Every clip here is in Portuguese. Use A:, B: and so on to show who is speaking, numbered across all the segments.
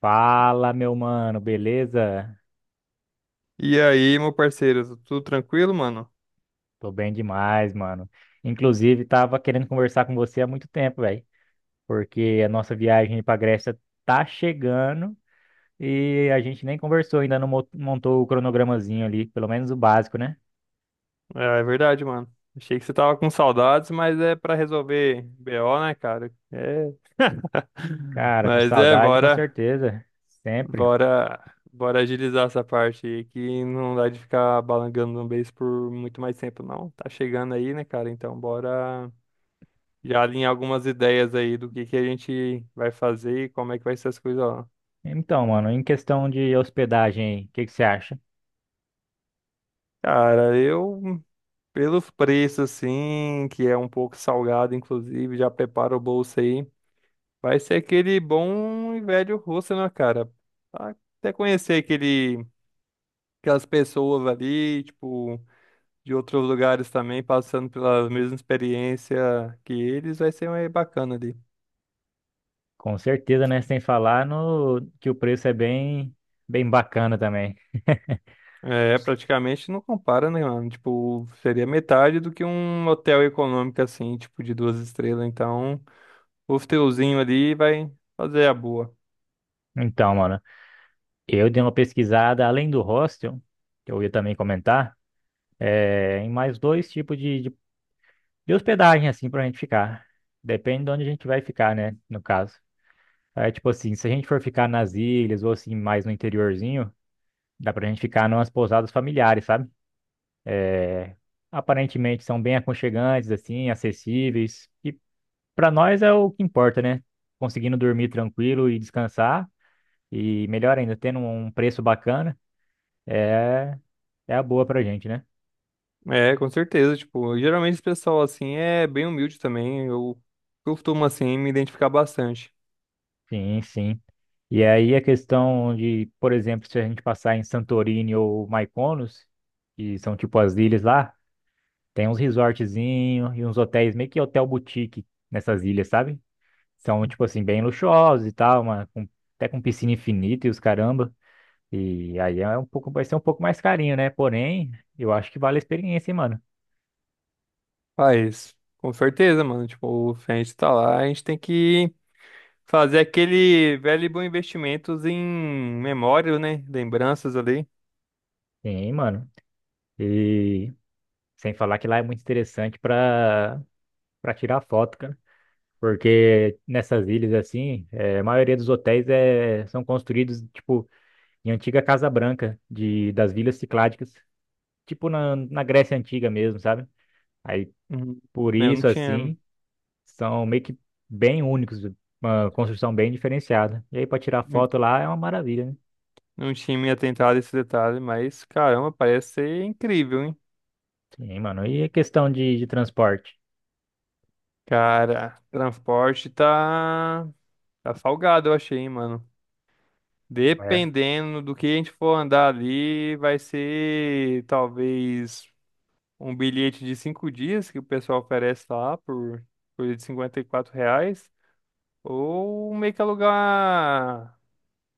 A: Fala, meu mano, beleza?
B: E aí, meu parceiro, tudo tranquilo, mano?
A: Tô bem demais, mano. Inclusive, tava querendo conversar com você há muito tempo, velho, porque a nossa viagem pra Grécia tá chegando e a gente nem conversou ainda, não montou o cronogramazinho ali, pelo menos o básico, né?
B: É, é verdade, mano. Achei que você tava com saudades, mas é pra resolver BO, né, cara? É,
A: Cara, com
B: mas é,
A: saudade, com
B: bora,
A: certeza, sempre.
B: bora, bora agilizar essa parte aí, que não dá de ficar balangando no beijo por muito mais tempo, não. Tá chegando aí, né, cara? Então, bora já alinhar algumas ideias aí do que a gente vai fazer e como é que vai ser as coisas lá.
A: Então, mano, em questão de hospedagem, aí, o que que você acha?
B: Cara, eu pelos preços, assim, que é um pouco salgado, inclusive, já prepara o bolso aí. Vai ser aquele bom e velho russo, né, cara? Pra Até conhecer aquelas pessoas ali, tipo, de outros lugares também, passando pela mesma experiência que eles, vai ser mais bacana ali.
A: Com certeza, né? Sem falar no que o preço é bem, bem bacana também.
B: É, praticamente não compara, né, mano? Tipo, seria metade do que um hotel econômico, assim, tipo, de duas estrelas. Então, o hotelzinho ali vai fazer a boa.
A: Então, mano. Eu dei uma pesquisada, além do hostel, que eu ia também comentar, em mais dois tipos de hospedagem, assim, pra gente ficar. Depende de onde a gente vai ficar, né, no caso. É tipo assim, se a gente for ficar nas ilhas ou assim, mais no interiorzinho, dá pra gente ficar numas pousadas familiares, sabe? Aparentemente são bem aconchegantes, assim, acessíveis. E pra nós é o que importa, né? Conseguindo dormir tranquilo e descansar, e melhor ainda, tendo um preço bacana, é, é a boa pra gente, né?
B: É, com certeza, tipo, geralmente esse pessoal, assim, é bem humilde também. Eu costumo, assim, me identificar bastante.
A: Sim, sim. E aí a questão de, por exemplo, se a gente passar em Santorini ou Mykonos, que são tipo as ilhas lá, tem uns resortzinhos e uns hotéis, meio que hotel boutique nessas ilhas, sabe? São, tipo assim, bem luxuosos e tal, uma, até com piscina infinita e os caramba. E aí é um pouco, vai ser um pouco mais carinho, né? Porém, eu acho que vale a experiência, hein, mano.
B: Faz, com certeza, mano. Tipo, se a gente tá lá, a gente tem que fazer aquele velho e bom investimentos em memória, né? Lembranças ali.
A: Sim, mano. E sem falar que lá é muito interessante pra, pra tirar foto, cara. Porque nessas ilhas assim, é a maioria dos hotéis é, são construídos tipo em antiga Casa Branca de das vilas cicládicas, tipo na Grécia Antiga mesmo, sabe? Aí
B: Uhum.
A: por
B: Eu não
A: isso
B: tinha,
A: assim, são meio que bem únicos, uma construção bem diferenciada. E aí para tirar foto lá é uma maravilha, né?
B: não tinha me atentado a esse detalhe, mas caramba, parece ser incrível, hein?
A: Sim, mano. E a questão de transporte?
B: Cara, transporte tá salgado, eu achei, hein, mano.
A: É,
B: Dependendo do que a gente for andar ali, vai ser talvez. Um bilhete de 5 dias que o pessoal oferece lá por coisa de 54 reais. Ou meio que alugar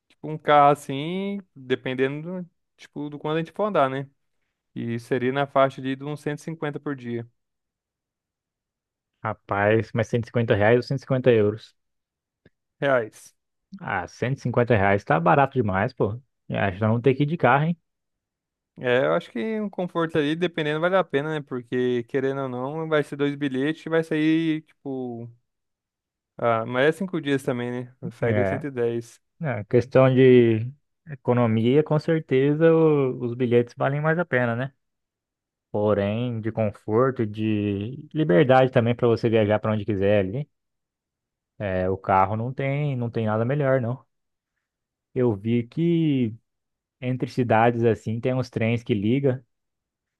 B: tipo, um carro assim, dependendo do, tipo, do quanto a gente for andar, né? E seria na faixa de uns 150 por dia.
A: rapaz, mas R$ 150 ou 150 euros?
B: Reais.
A: Ah, R$ 150 tá barato demais, pô. Acho que nós vamos ter que ir de carro, hein?
B: É, eu acho que um conforto ali, dependendo, vale a pena, né? Porque, querendo ou não, vai ser dois bilhetes, vai sair, tipo. Ah, mas é 5 dias também, né? Sairia
A: É.
B: 110.
A: É, questão de economia, com certeza os bilhetes valem mais a pena, né? Porém, de conforto, de liberdade também para você viajar para onde quiser ali. É, o carro não tem, não tem nada melhor, não. Eu vi que entre cidades assim tem uns trens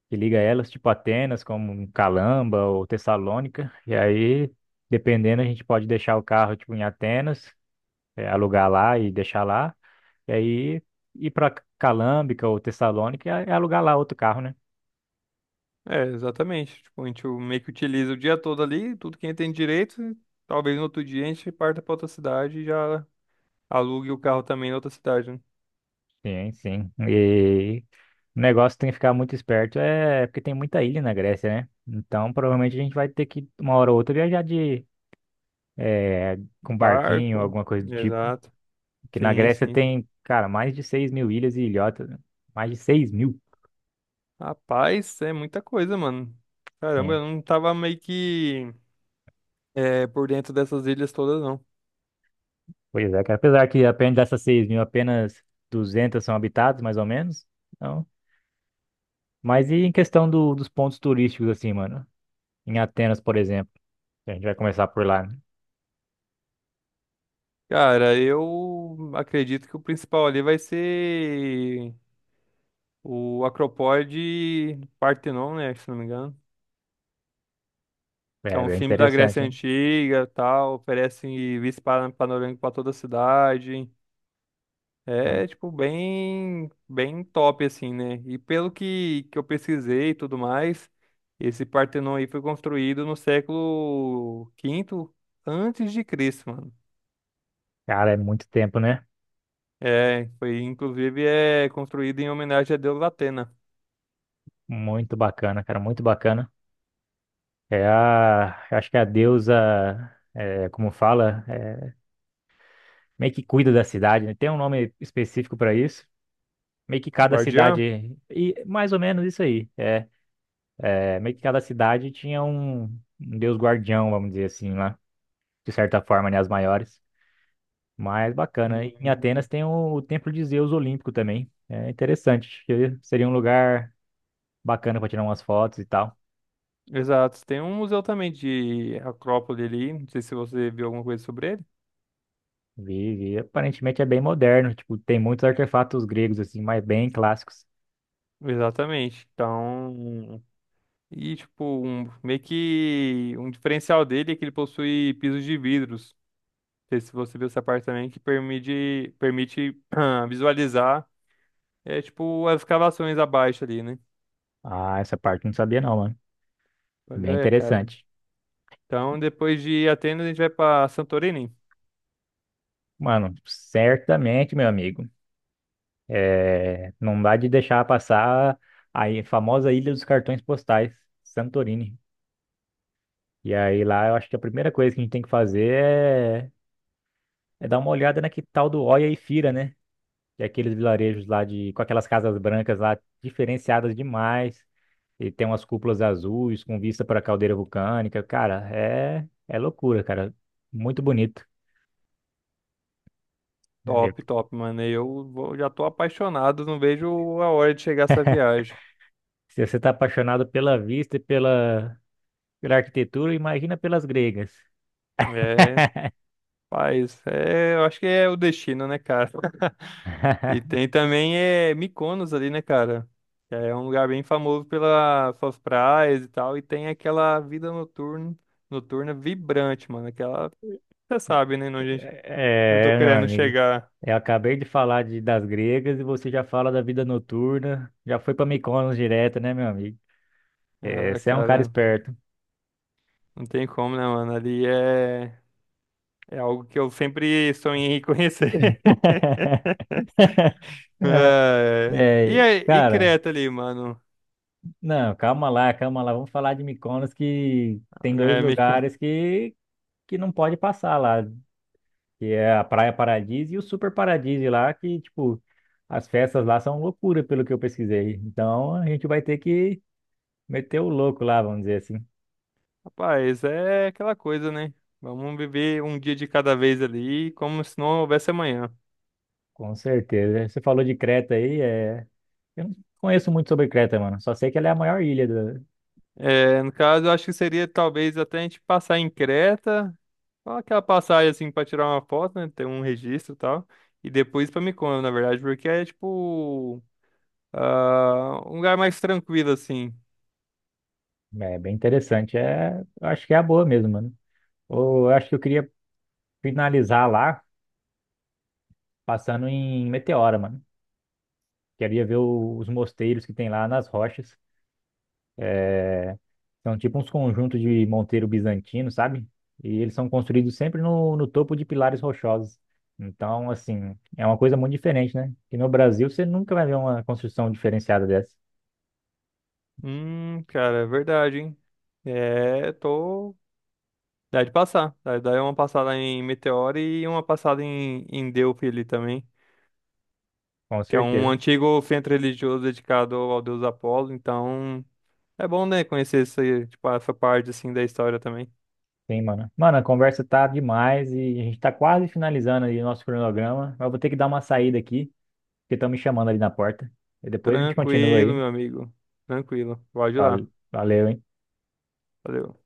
A: que liga elas, tipo Atenas, como Calamba ou Tessalônica. E aí, dependendo, a gente pode deixar o carro tipo em Atenas, é, alugar lá e deixar lá. E aí ir para Calâmbica ou Tessalônica e alugar lá outro carro, né?
B: É, exatamente. Tipo, a gente meio que utiliza o dia todo ali, tudo que a gente tem direito. E talvez no outro dia a gente parta pra outra cidade e já alugue o carro também na outra cidade, né?
A: Sim, sim. E o negócio tem que ficar muito esperto é porque tem muita ilha na Grécia, né? Então provavelmente a gente vai ter que, uma hora ou outra, viajar de é, com barquinho,
B: Barco.
A: alguma coisa do tipo.
B: Exato.
A: Que na
B: Sim,
A: Grécia
B: sim.
A: tem, cara, mais de 6 mil ilhas e ilhotas, né? Mais de 6 mil.
B: Rapaz, é muita coisa, mano. Caramba,
A: Sim.
B: eu não tava meio que é, por dentro dessas ilhas todas, não.
A: Pois é, cara. Apesar que apenas dessas 6 mil, apenas 200 são habitadas, mais ou menos. Então, mas e em questão dos pontos turísticos, assim, mano? Em Atenas, por exemplo. A gente vai começar por lá, né?
B: Cara, eu acredito que o principal ali vai ser o Acropole de Partenon, né? Se não me engano. Que é
A: É
B: um
A: bem
B: filme da
A: interessante,
B: Grécia
A: né?
B: Antiga, tal, oferece vista panorâmica para toda a cidade.
A: É.
B: É, tipo, bem, bem top, assim, né? E pelo que eu pesquisei e tudo mais, esse Partenon aí foi construído no século quinto antes de Cristo, mano.
A: Cara, é muito tempo, né?
B: É, foi, inclusive, é construído em homenagem a Deus Atena.
A: Muito bacana, cara, muito bacana. É a, eu acho que é a deusa, é, como fala, é, meio que cuida da cidade, né? Tem um nome específico para isso. Meio que cada
B: Guardiã?
A: cidade, e mais ou menos isso aí. É, é, meio que cada cidade tinha um deus guardião, vamos dizer assim, lá, de certa forma, né? As maiores. Mas bacana. Em Atenas
B: Uhum.
A: tem o Templo de Zeus Olímpico também. É interessante. Acho que seria um lugar bacana para tirar umas fotos e tal.
B: Exato. Tem um museu também de Acrópole ali, não sei se você viu alguma coisa sobre.
A: Vi, vi. Aparentemente é bem moderno. Tipo, tem muitos artefatos gregos, assim, mas bem clássicos.
B: Exatamente. Então, e tipo, um, meio que um diferencial dele é que ele possui pisos de vidros. Não sei se você viu essa parte também, que permite visualizar, é tipo, as escavações abaixo ali, né?
A: Ah, essa parte eu não sabia não, mano.
B: Pois
A: Bem
B: é, cara.
A: interessante.
B: Então, depois de Atenas, a gente vai pra Santorini.
A: Mano, certamente, meu amigo. É, não dá de deixar passar a famosa Ilha dos Cartões Postais, Santorini. E aí lá eu acho que a primeira coisa que a gente tem que fazer é dar uma olhada na que tal do Oia e Fira, né? Que é aqueles vilarejos lá de, com aquelas casas brancas lá diferenciadas demais. E tem umas cúpulas azuis com vista para a caldeira vulcânica. Cara, é, é loucura, cara. Muito bonito. É.
B: Top, top, mano. Já tô apaixonado, não vejo a hora de chegar essa viagem.
A: Se você tá apaixonado pela vista e pela, pela arquitetura, imagina pelas gregas.
B: É, paz, é, eu acho que é o destino, né, cara? E tem também é, Mykonos ali, né, cara? Que é um lugar bem famoso pelas suas praias e tal. E tem aquela vida noturna, noturna vibrante, mano. Aquela, você sabe, né, onde eu tô
A: É, meu
B: querendo
A: amigo.
B: chegar.
A: Eu acabei de falar de, das gregas e você já fala da vida noturna. Já foi para Mykonos direto, né, meu amigo? É,
B: Ah,
A: você é um cara
B: cara,
A: esperto.
B: não tem como, né, mano? Ali é, é algo que eu sempre sonhei em conhecer. É, E,
A: É,
B: aí- e
A: cara,
B: Creta ali, mano?
A: não, calma lá, calma lá. Vamos falar de Mykonos que tem dois
B: É.
A: lugares que não pode passar lá, que é a Praia Paradis e o Super Paradis lá, que, tipo, as festas lá são loucura, pelo que eu pesquisei. Então, a gente vai ter que meter o louco lá, vamos dizer assim.
B: Rapaz, é aquela coisa, né? Vamos viver um dia de cada vez ali, como se não houvesse amanhã.
A: Com certeza. Você falou de Creta aí, é... Eu não conheço muito sobre Creta, mano. Só sei que ela é a maior ilha do...
B: É, no caso, eu acho que seria talvez até a gente passar em Creta, só aquela passagem assim pra tirar uma foto, né? Ter um registro e tal. E depois pra Mykonos, na verdade, porque é tipo ah, um lugar mais tranquilo assim.
A: É bem interessante. É... Eu acho que é a boa mesmo, mano. Ou eu acho que eu queria finalizar lá, passando em Meteora, mano. Queria ver os mosteiros que tem lá nas rochas. É, são tipo uns conjuntos de monteiro bizantino, sabe? E eles são construídos sempre no topo de pilares rochosos. Então, assim, é uma coisa muito diferente, né? Que no Brasil você nunca vai ver uma construção diferenciada dessa.
B: Cara, é verdade, hein? É, tô. Dá de passar. Dá uma passada em Meteora e uma passada em Delphi ali também.
A: Com
B: Que é um
A: certeza.
B: antigo centro religioso dedicado ao deus Apolo. Então, é bom, né, conhecer essa, tipo, essa parte, assim, da história também.
A: Sim, mano. Mano, a conversa tá demais e a gente tá quase finalizando ali o nosso cronograma. Mas eu vou ter que dar uma saída aqui, porque estão me chamando ali na porta. E depois a gente continua
B: Tranquilo,
A: aí.
B: meu amigo. Tranquilo. Pode ir
A: Vale-
B: lá.
A: Valeu, hein?
B: Valeu.